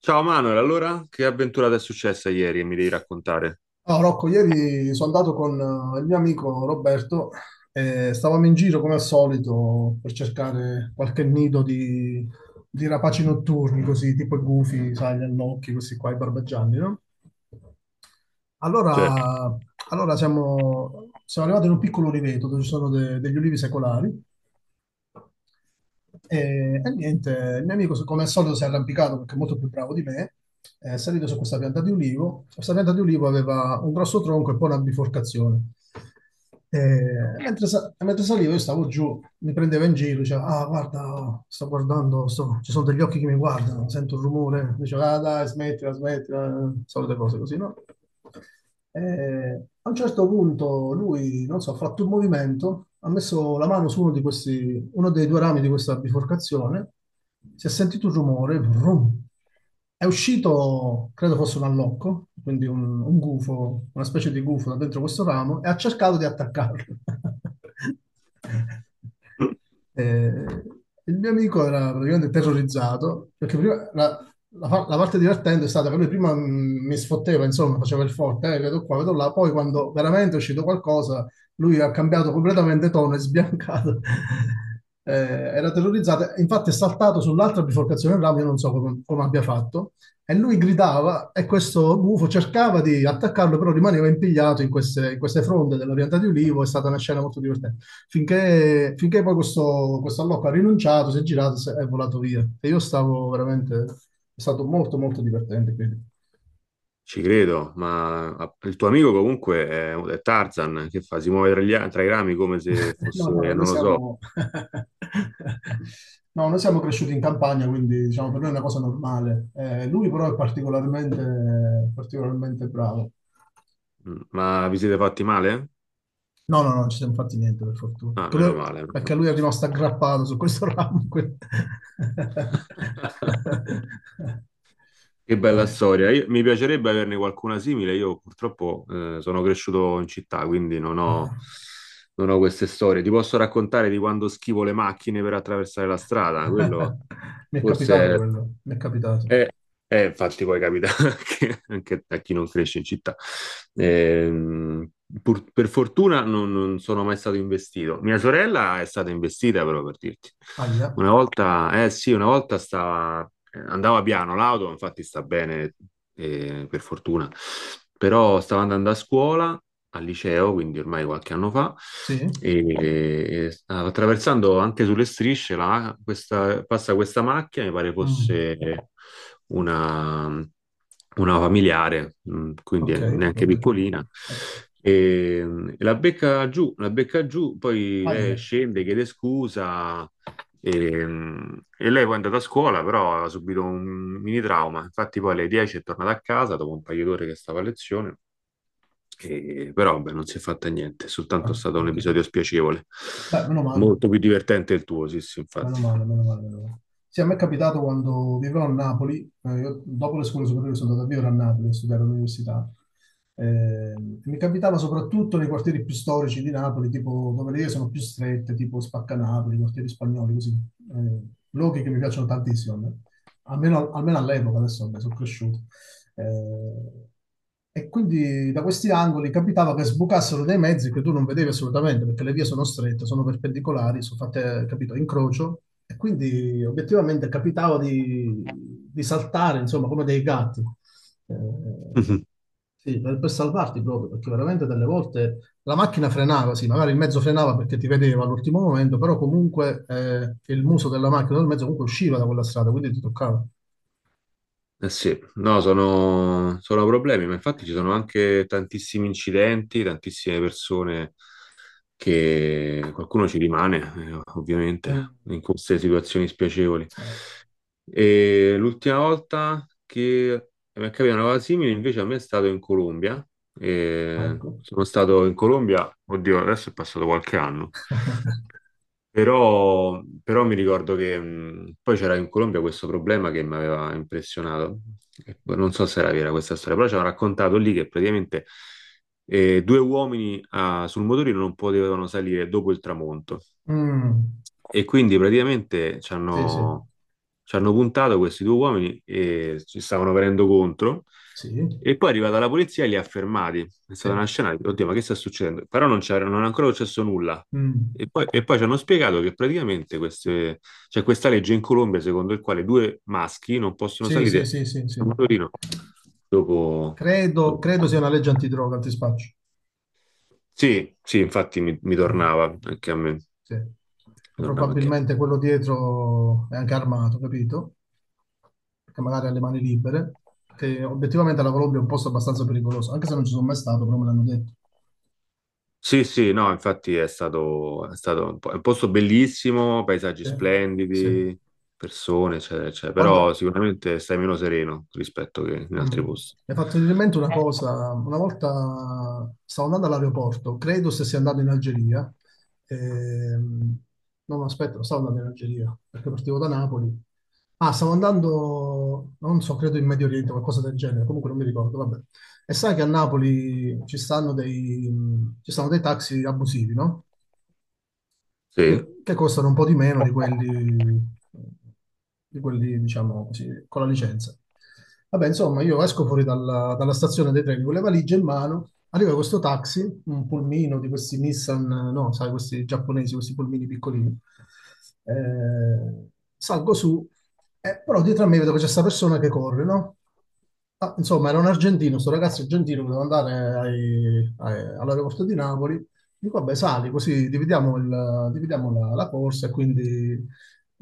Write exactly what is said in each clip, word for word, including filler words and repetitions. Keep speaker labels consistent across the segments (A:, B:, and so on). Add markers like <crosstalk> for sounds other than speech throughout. A: Ciao Manuel, allora che avventura ti è successa ieri e mi devi raccontare?
B: No, Rocco, ieri sono andato con eh, il mio amico Roberto e stavamo in giro come al solito per cercare qualche nido di, di rapaci notturni, così tipo i gufi, sai, gli allocchi, questi qua, i barbagianni, no?
A: Certo,
B: Allora, allora siamo, siamo arrivati in un piccolo oliveto dove ci sono de- degli ulivi secolari e, e niente, il mio amico come al solito si è arrampicato perché è molto più bravo di me, è salito su questa pianta di ulivo. Questa pianta di ulivo aveva un grosso tronco e poi una biforcazione. E mentre, sa- mentre salivo io stavo giù, mi prendeva in giro, diceva, ah guarda, sto guardando, sto- ci sono degli occhi che mi guardano, sento un rumore, diceva, ah dai, smettila, smettila, solite cose così, no? E a un certo punto lui, non so, ha fatto un movimento, ha messo la mano su uno di questi, uno dei due rami di questa biforcazione, si è sentito un rumore, vrum. È uscito, credo fosse un allocco, quindi un, un gufo, una specie di gufo da dentro questo ramo, e ha cercato di attaccarlo. <laughs>
A: <clears throat>
B: Eh, il mio amico era praticamente terrorizzato perché prima la, la, fa- la parte divertente è stata che lui prima mh, mi sfotteva, insomma, faceva il forte, eh, vedo qua, vedo là, poi quando veramente è uscito qualcosa, lui ha cambiato completamente tono, è sbiancato. <laughs> Eh, era terrorizzato, infatti è saltato sull'altra biforcazione del ramo, io non so come, come abbia fatto, e lui gridava e questo gufo cercava di attaccarlo, però rimaneva impigliato in queste, in queste, fronde della pianta di ulivo, è stata una scena molto divertente. Finché, finché poi questo, questo allocco ha rinunciato, si è girato si è volato via. E io stavo veramente. È stato molto, molto divertente, quindi.
A: ci credo, ma ah, il tuo amico comunque è, è Tarzan, che fa? Si muove tra, gli a- tra i rami come se
B: No,
A: fosse,
B: no, no, noi
A: non lo so.
B: siamo. <laughs> No, noi siamo cresciuti in campagna, quindi diciamo per noi è una cosa normale. Eh, lui però è particolarmente, particolarmente bravo.
A: Mm, ma vi siete fatti male?
B: No, no, no, non ci siamo fatti niente, per fortuna.
A: Ah,
B: Per
A: meno
B: lui-
A: male. Meno
B: Perché
A: male.
B: lui è rimasto aggrappato su questo ramo, quindi.
A: <laughs> Che bella
B: <laughs>
A: storia, Io- Mi piacerebbe averne qualcuna simile. Io purtroppo eh, sono cresciuto in città, quindi non
B: Dai.
A: ho, non ho queste storie. Ti posso raccontare di quando schivo le macchine per attraversare la strada, quello...
B: <laughs> Mi è capitato
A: Forse
B: quello, mi è capitato.
A: è, è- Infatti poi capita <laughs> anche, anche a chi non cresce in città. Ehm, pur- per fortuna non, non sono mai stato investito. Mia sorella è stata investita, però per dirti.
B: Aia,
A: Una volta, eh sì, una volta stava, andava piano l'auto, infatti sta bene, eh, per fortuna. Però stavo andando a scuola, al liceo, quindi ormai qualche anno fa,
B: sì?
A: e, e stavo attraversando anche sulle strisce, la- questa- passa questa macchina, mi pare
B: Mm,
A: fosse una, una familiare, mh,
B: ok,
A: quindi neanche
B: ok,
A: piccolina.
B: ok.
A: E, mh, la becca giù, la becca giù, poi lei
B: Aia,
A: scende, chiede scusa, e, mm, e lei poi è andata a scuola, però aveva subito un mini trauma. Infatti, poi alle dieci è tornata a casa dopo un paio d'ore che stava a lezione, e, però vabbè, non si è fatta niente, è soltanto
B: ah,
A: stato un
B: ok.
A: episodio spiacevole.
B: Beh, meno male.
A: Molto più divertente il tuo, sì, sì,
B: Meno
A: infatti.
B: male, meno male, meno
A: <laughs>
B: male. Sì, a me è capitato quando vivevo a Napoli, eh, io dopo le scuole superiori sono andato a vivere a Napoli, a studiare all'università. Eh, mi capitava soprattutto nei quartieri più storici di Napoli, tipo dove le vie sono più strette, tipo Spaccanapoli, quartieri spagnoli, così. Eh, luoghi che mi piacciono tantissimo, a me. Almeno, almeno all'epoca, adesso vabbè, sono cresciuto. Eh, e quindi da questi angoli capitava che sbucassero dei mezzi che tu non vedevi assolutamente, perché le vie sono strette, sono perpendicolari, sono fatte, capito, a incrocio, e quindi obiettivamente capitava di, di, saltare, insomma, come dei gatti. Eh,
A: Mhm.
B: sì, per, per salvarti proprio, perché veramente delle volte la macchina frenava, sì, magari il mezzo frenava perché ti vedeva all'ultimo momento, però comunque eh, il muso della macchina o del mezzo comunque usciva da quella strada, quindi ti toccava.
A: Eh sì, no, sono, sono problemi, ma infatti ci sono anche tantissimi incidenti, tantissime persone che qualcuno ci rimane, eh, ovviamente,
B: Mm.
A: in queste situazioni spiacevoli.
B: Eh,
A: E l'ultima volta che mi è capitata una cosa simile, invece, a me è stato in Colombia. E
B: Ecco.
A: sono stato in Colombia, oddio, adesso è passato qualche anno.
B: <laughs>
A: Però, però mi ricordo che mh, poi c'era in Colombia questo problema che mi aveva impressionato. E poi Non so se era vera questa storia, però ci hanno raccontato lì che praticamente eh, due uomini ah, sul motorino non potevano salire dopo il tramonto.
B: Mm,
A: E quindi praticamente ci
B: sì, sì,
A: hanno, ci hanno puntato questi due uomini e ci stavano venendo contro.
B: sì,
A: E poi è arrivata la polizia e li ha fermati. È
B: sì,
A: stata una scena, oddio, ma che sta succedendo? Però non c'era, non è ancora successo nulla.
B: Mm.
A: E poi, e poi ci hanno spiegato che praticamente queste, c'è questa legge in Colombia secondo il quale due maschi non possono
B: Sì, sì,
A: salire
B: sì, sì,
A: su
B: sì.
A: un motorino dopo...
B: Credo,
A: dopo-
B: credo sia una legge antidroga, antispaccio.
A: Sì, sì, infatti mi, mi tornava anche a me. Mi
B: Sì.
A: tornava anche a me.
B: Probabilmente quello dietro è anche armato, capito? Perché magari ha le mani libere, perché obiettivamente la Colombia è un posto abbastanza pericoloso, anche se non ci sono mai stato, però me l'hanno detto.
A: Sì, sì, no, infatti è stato, è stato un po- è un posto bellissimo, paesaggi
B: Sì. Sì.
A: splendidi, persone, eccetera, eccetera, però
B: Guarda.
A: sicuramente stai meno sereno rispetto che in
B: Mm.
A: altri posti.
B: Mi è fatto venire in mente una cosa, una volta stavo andando all'aeroporto, credo se sia andato in Algeria, ehm, no, no, aspetta, non stavo andando in Algeria, perché partivo da Napoli, ah, stavo andando, non so, credo in Medio Oriente, qualcosa del genere, comunque non mi ricordo, vabbè. E sai che a Napoli ci stanno dei, ci stanno dei, taxi abusivi, no?
A: Sì. <laughs>
B: che, che costano un po' di meno di quelli, di quelli, diciamo così, con la licenza. Vabbè, insomma, io esco fuori dalla, dalla stazione dei treni con le valigie in mano, arriva questo taxi, un pulmino di questi Nissan, no, sai, questi giapponesi, questi pulmini piccolini. Eh, salgo su, eh, però dietro a me vedo che c'è questa persona che corre, no? Ah, insomma, era un argentino, sto ragazzo argentino che doveva andare ai- ai- all'aeroporto di Napoli. Dico, vabbè, sali, così dividiamo, il- dividiamo la, la corsa e quindi, <laughs>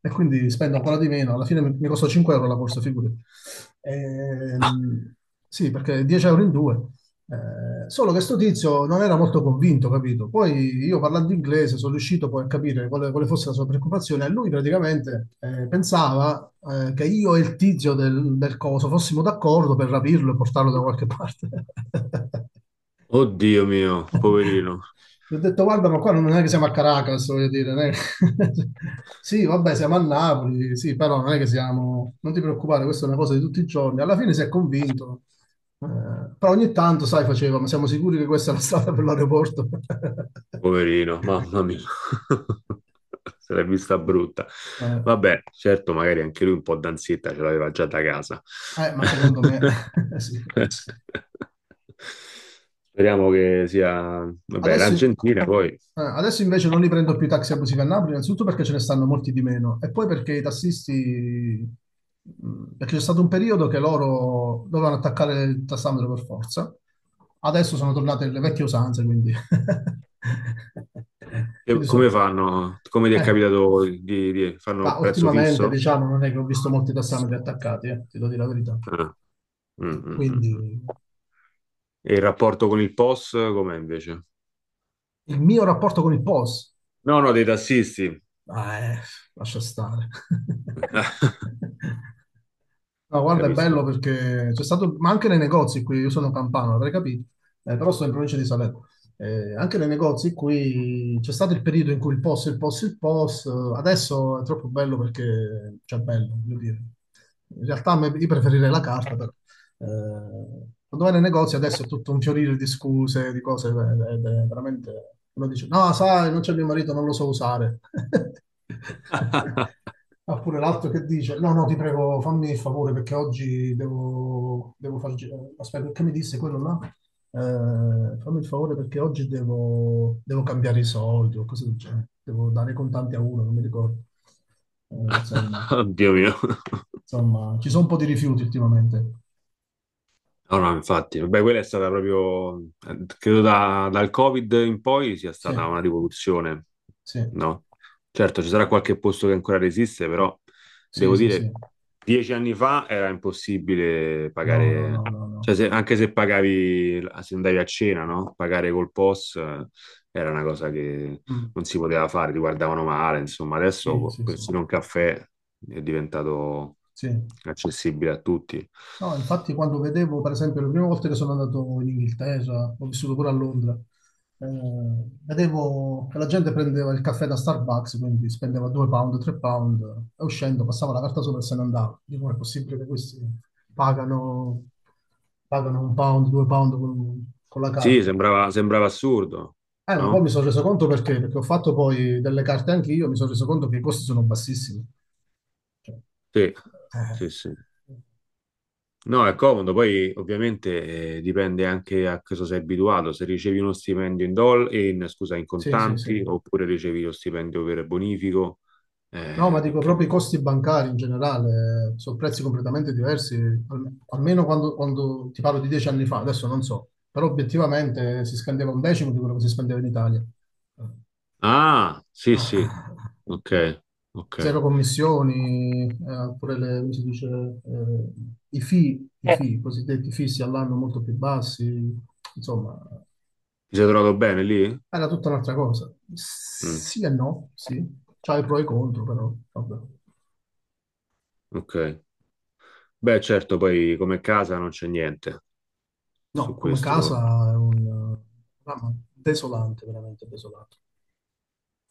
B: e quindi spendo ancora di meno. Alla fine mi, mi costa cinque euro la corsa, figurati.
A: Ah,
B: Ehm, sì, perché dieci euro in due. Eh, solo che sto tizio non era molto convinto, capito? Poi io parlando inglese sono riuscito poi a capire quale, quale fosse la sua preoccupazione. E lui praticamente eh, pensava eh, che io e il tizio del, del coso fossimo d'accordo per rapirlo e portarlo da qualche parte. <laughs>
A: oddio mio, poverino.
B: Gli ho detto, guarda, ma qua non è che siamo a Caracas, voglio dire. Non è che. <laughs> Sì, vabbè, siamo a Napoli, sì, però non è che siamo. Non ti preoccupare, questa è una cosa di tutti i giorni. Alla fine si è convinto. Eh, Però ogni tanto, sai, faceva, ma siamo sicuri che questa è la strada per l'aeroporto?
A: Poverino,
B: <laughs>
A: mamma mia, <laughs> se l'è vista brutta.
B: Eh,
A: Vabbè, certo, magari anche lui un po' d'ansietta ce l'aveva già da casa.
B: eh, ma secondo me <laughs> sì.
A: <laughs> Speriamo che sia... Vabbè,
B: Adesso,
A: l'Argentina poi.
B: eh, adesso invece non li prendo più i taxi abusivi a Napoli, innanzitutto perché ce ne stanno molti di meno e poi perché i tassisti, mh, perché c'è stato un periodo che loro dovevano attaccare il tassametro per forza, adesso sono tornate le vecchie usanze, quindi. <laughs>
A: Che-
B: quindi
A: come
B: so-
A: fanno? Come ti è
B: eh,
A: capitato di... di-
B: ma
A: Fanno prezzo
B: ultimamente
A: fisso?
B: diciamo non è che ho visto molti tassametri attaccati, eh, ti devo dire la verità.
A: Ah, mm, mm, mm,
B: Quindi
A: mm. E il rapporto con il POS com'è invece?
B: il mio rapporto con il P O S.
A: No, no, dei tassisti.
B: Ah, eh, lascia stare.
A: <laughs>
B: <laughs> No, guarda, è
A: Capisco.
B: bello perché c'è stato, ma anche nei negozi qui, io sono campano, avrei capito, eh, però sto in provincia di Salerno. Eh, anche nei negozi qui c'è stato il periodo in cui il P O S, il P O S, il P O S, eh, adesso è troppo bello perché, cioè, bello, voglio dire. In realtà a me- io preferirei la carta, però. Eh, quando vai nei negozi adesso è tutto un fiorire di scuse, di cose, eh, ed è veramente. Uno dice, no, sai, non c'è mio marito, non lo so usare.
A: <laughs>
B: <laughs> Oppure l'altro che dice, no, no, ti prego, fammi il favore perché oggi devo, devo far... gi- Aspetta, che mi disse quello là? Eh, fammi il favore perché oggi devo, devo cambiare i soldi o cose del genere. Devo dare i contanti a uno, non mi ricordo. Eh, insomma,
A: <laughs> Dio mio.
B: insomma, ci sono un po' di rifiuti ultimamente.
A: No, no, infatti, vabbè, quella è stata proprio, eh, credo da- dal Covid in poi sia
B: Sì,
A: stata una rivoluzione,
B: sì.
A: no? Certo, ci sarà qualche posto che ancora resiste, però
B: Sì,
A: devo
B: sì,
A: dire,
B: sì.
A: dieci anni fa era impossibile
B: No, no,
A: pagare,
B: no, no,
A: cioè
B: no.
A: se- anche se pagavi, se andavi a cena, no? Pagare col POS eh, era una cosa che
B: Mm.
A: non si poteva fare, ti guardavano male, insomma,
B: Sì,
A: adesso
B: sì, sì.
A: persino un caffè è diventato
B: Sì.
A: accessibile a tutti.
B: No, infatti quando vedevo, per esempio, le prime volte che sono andato in Inghilterra, ho vissuto pure a Londra, eh, vedevo che la gente prendeva il caffè da Starbucks, quindi spendeva due pound, tre pound, e uscendo passava la carta sopra e se ne andava. Dico, è possibile che questi pagano, pagano, un pound, due pound con, con la
A: Sì,
B: carta?
A: sembrava, sembrava assurdo,
B: Eh, ma poi mi
A: no?
B: sono reso conto perché, perché ho fatto poi delle carte anche io, mi sono reso conto che i costi sono bassissimi.
A: Sì,
B: Eh,
A: sì, sì. No, è comodo, poi ovviamente eh, dipende anche a cosa sei abituato, se ricevi uno stipendio in doll- in, scusa, in
B: Sì, sì, sì.
A: contanti oppure ricevi lo stipendio per bonifico,
B: No, ma
A: eh,
B: dico
A: perché...
B: proprio i costi bancari in generale, eh, sono prezzi completamente diversi, al- almeno quando, quando ti parlo di dieci anni fa, adesso non so, però obiettivamente si spendeva un decimo di quello che si spendeva in Italia. Eh,
A: Ah, sì,
B: Ah,
A: sì,
B: ah,
A: ok, ok.
B: zero commissioni, eh, pure le, come si dice, eh, i fee, i fee, i cosiddetti fissi all'anno molto più bassi, insomma.
A: Ti sei trovato bene lì?
B: Era tutta un'altra cosa.
A: Mm,
B: Sì e no, sì. C'ha i pro e i contro, però vabbè.
A: ok. Beh, certo, poi come casa non c'è niente su
B: No, come casa
A: questo.
B: è un eh, programma desolante, veramente desolante.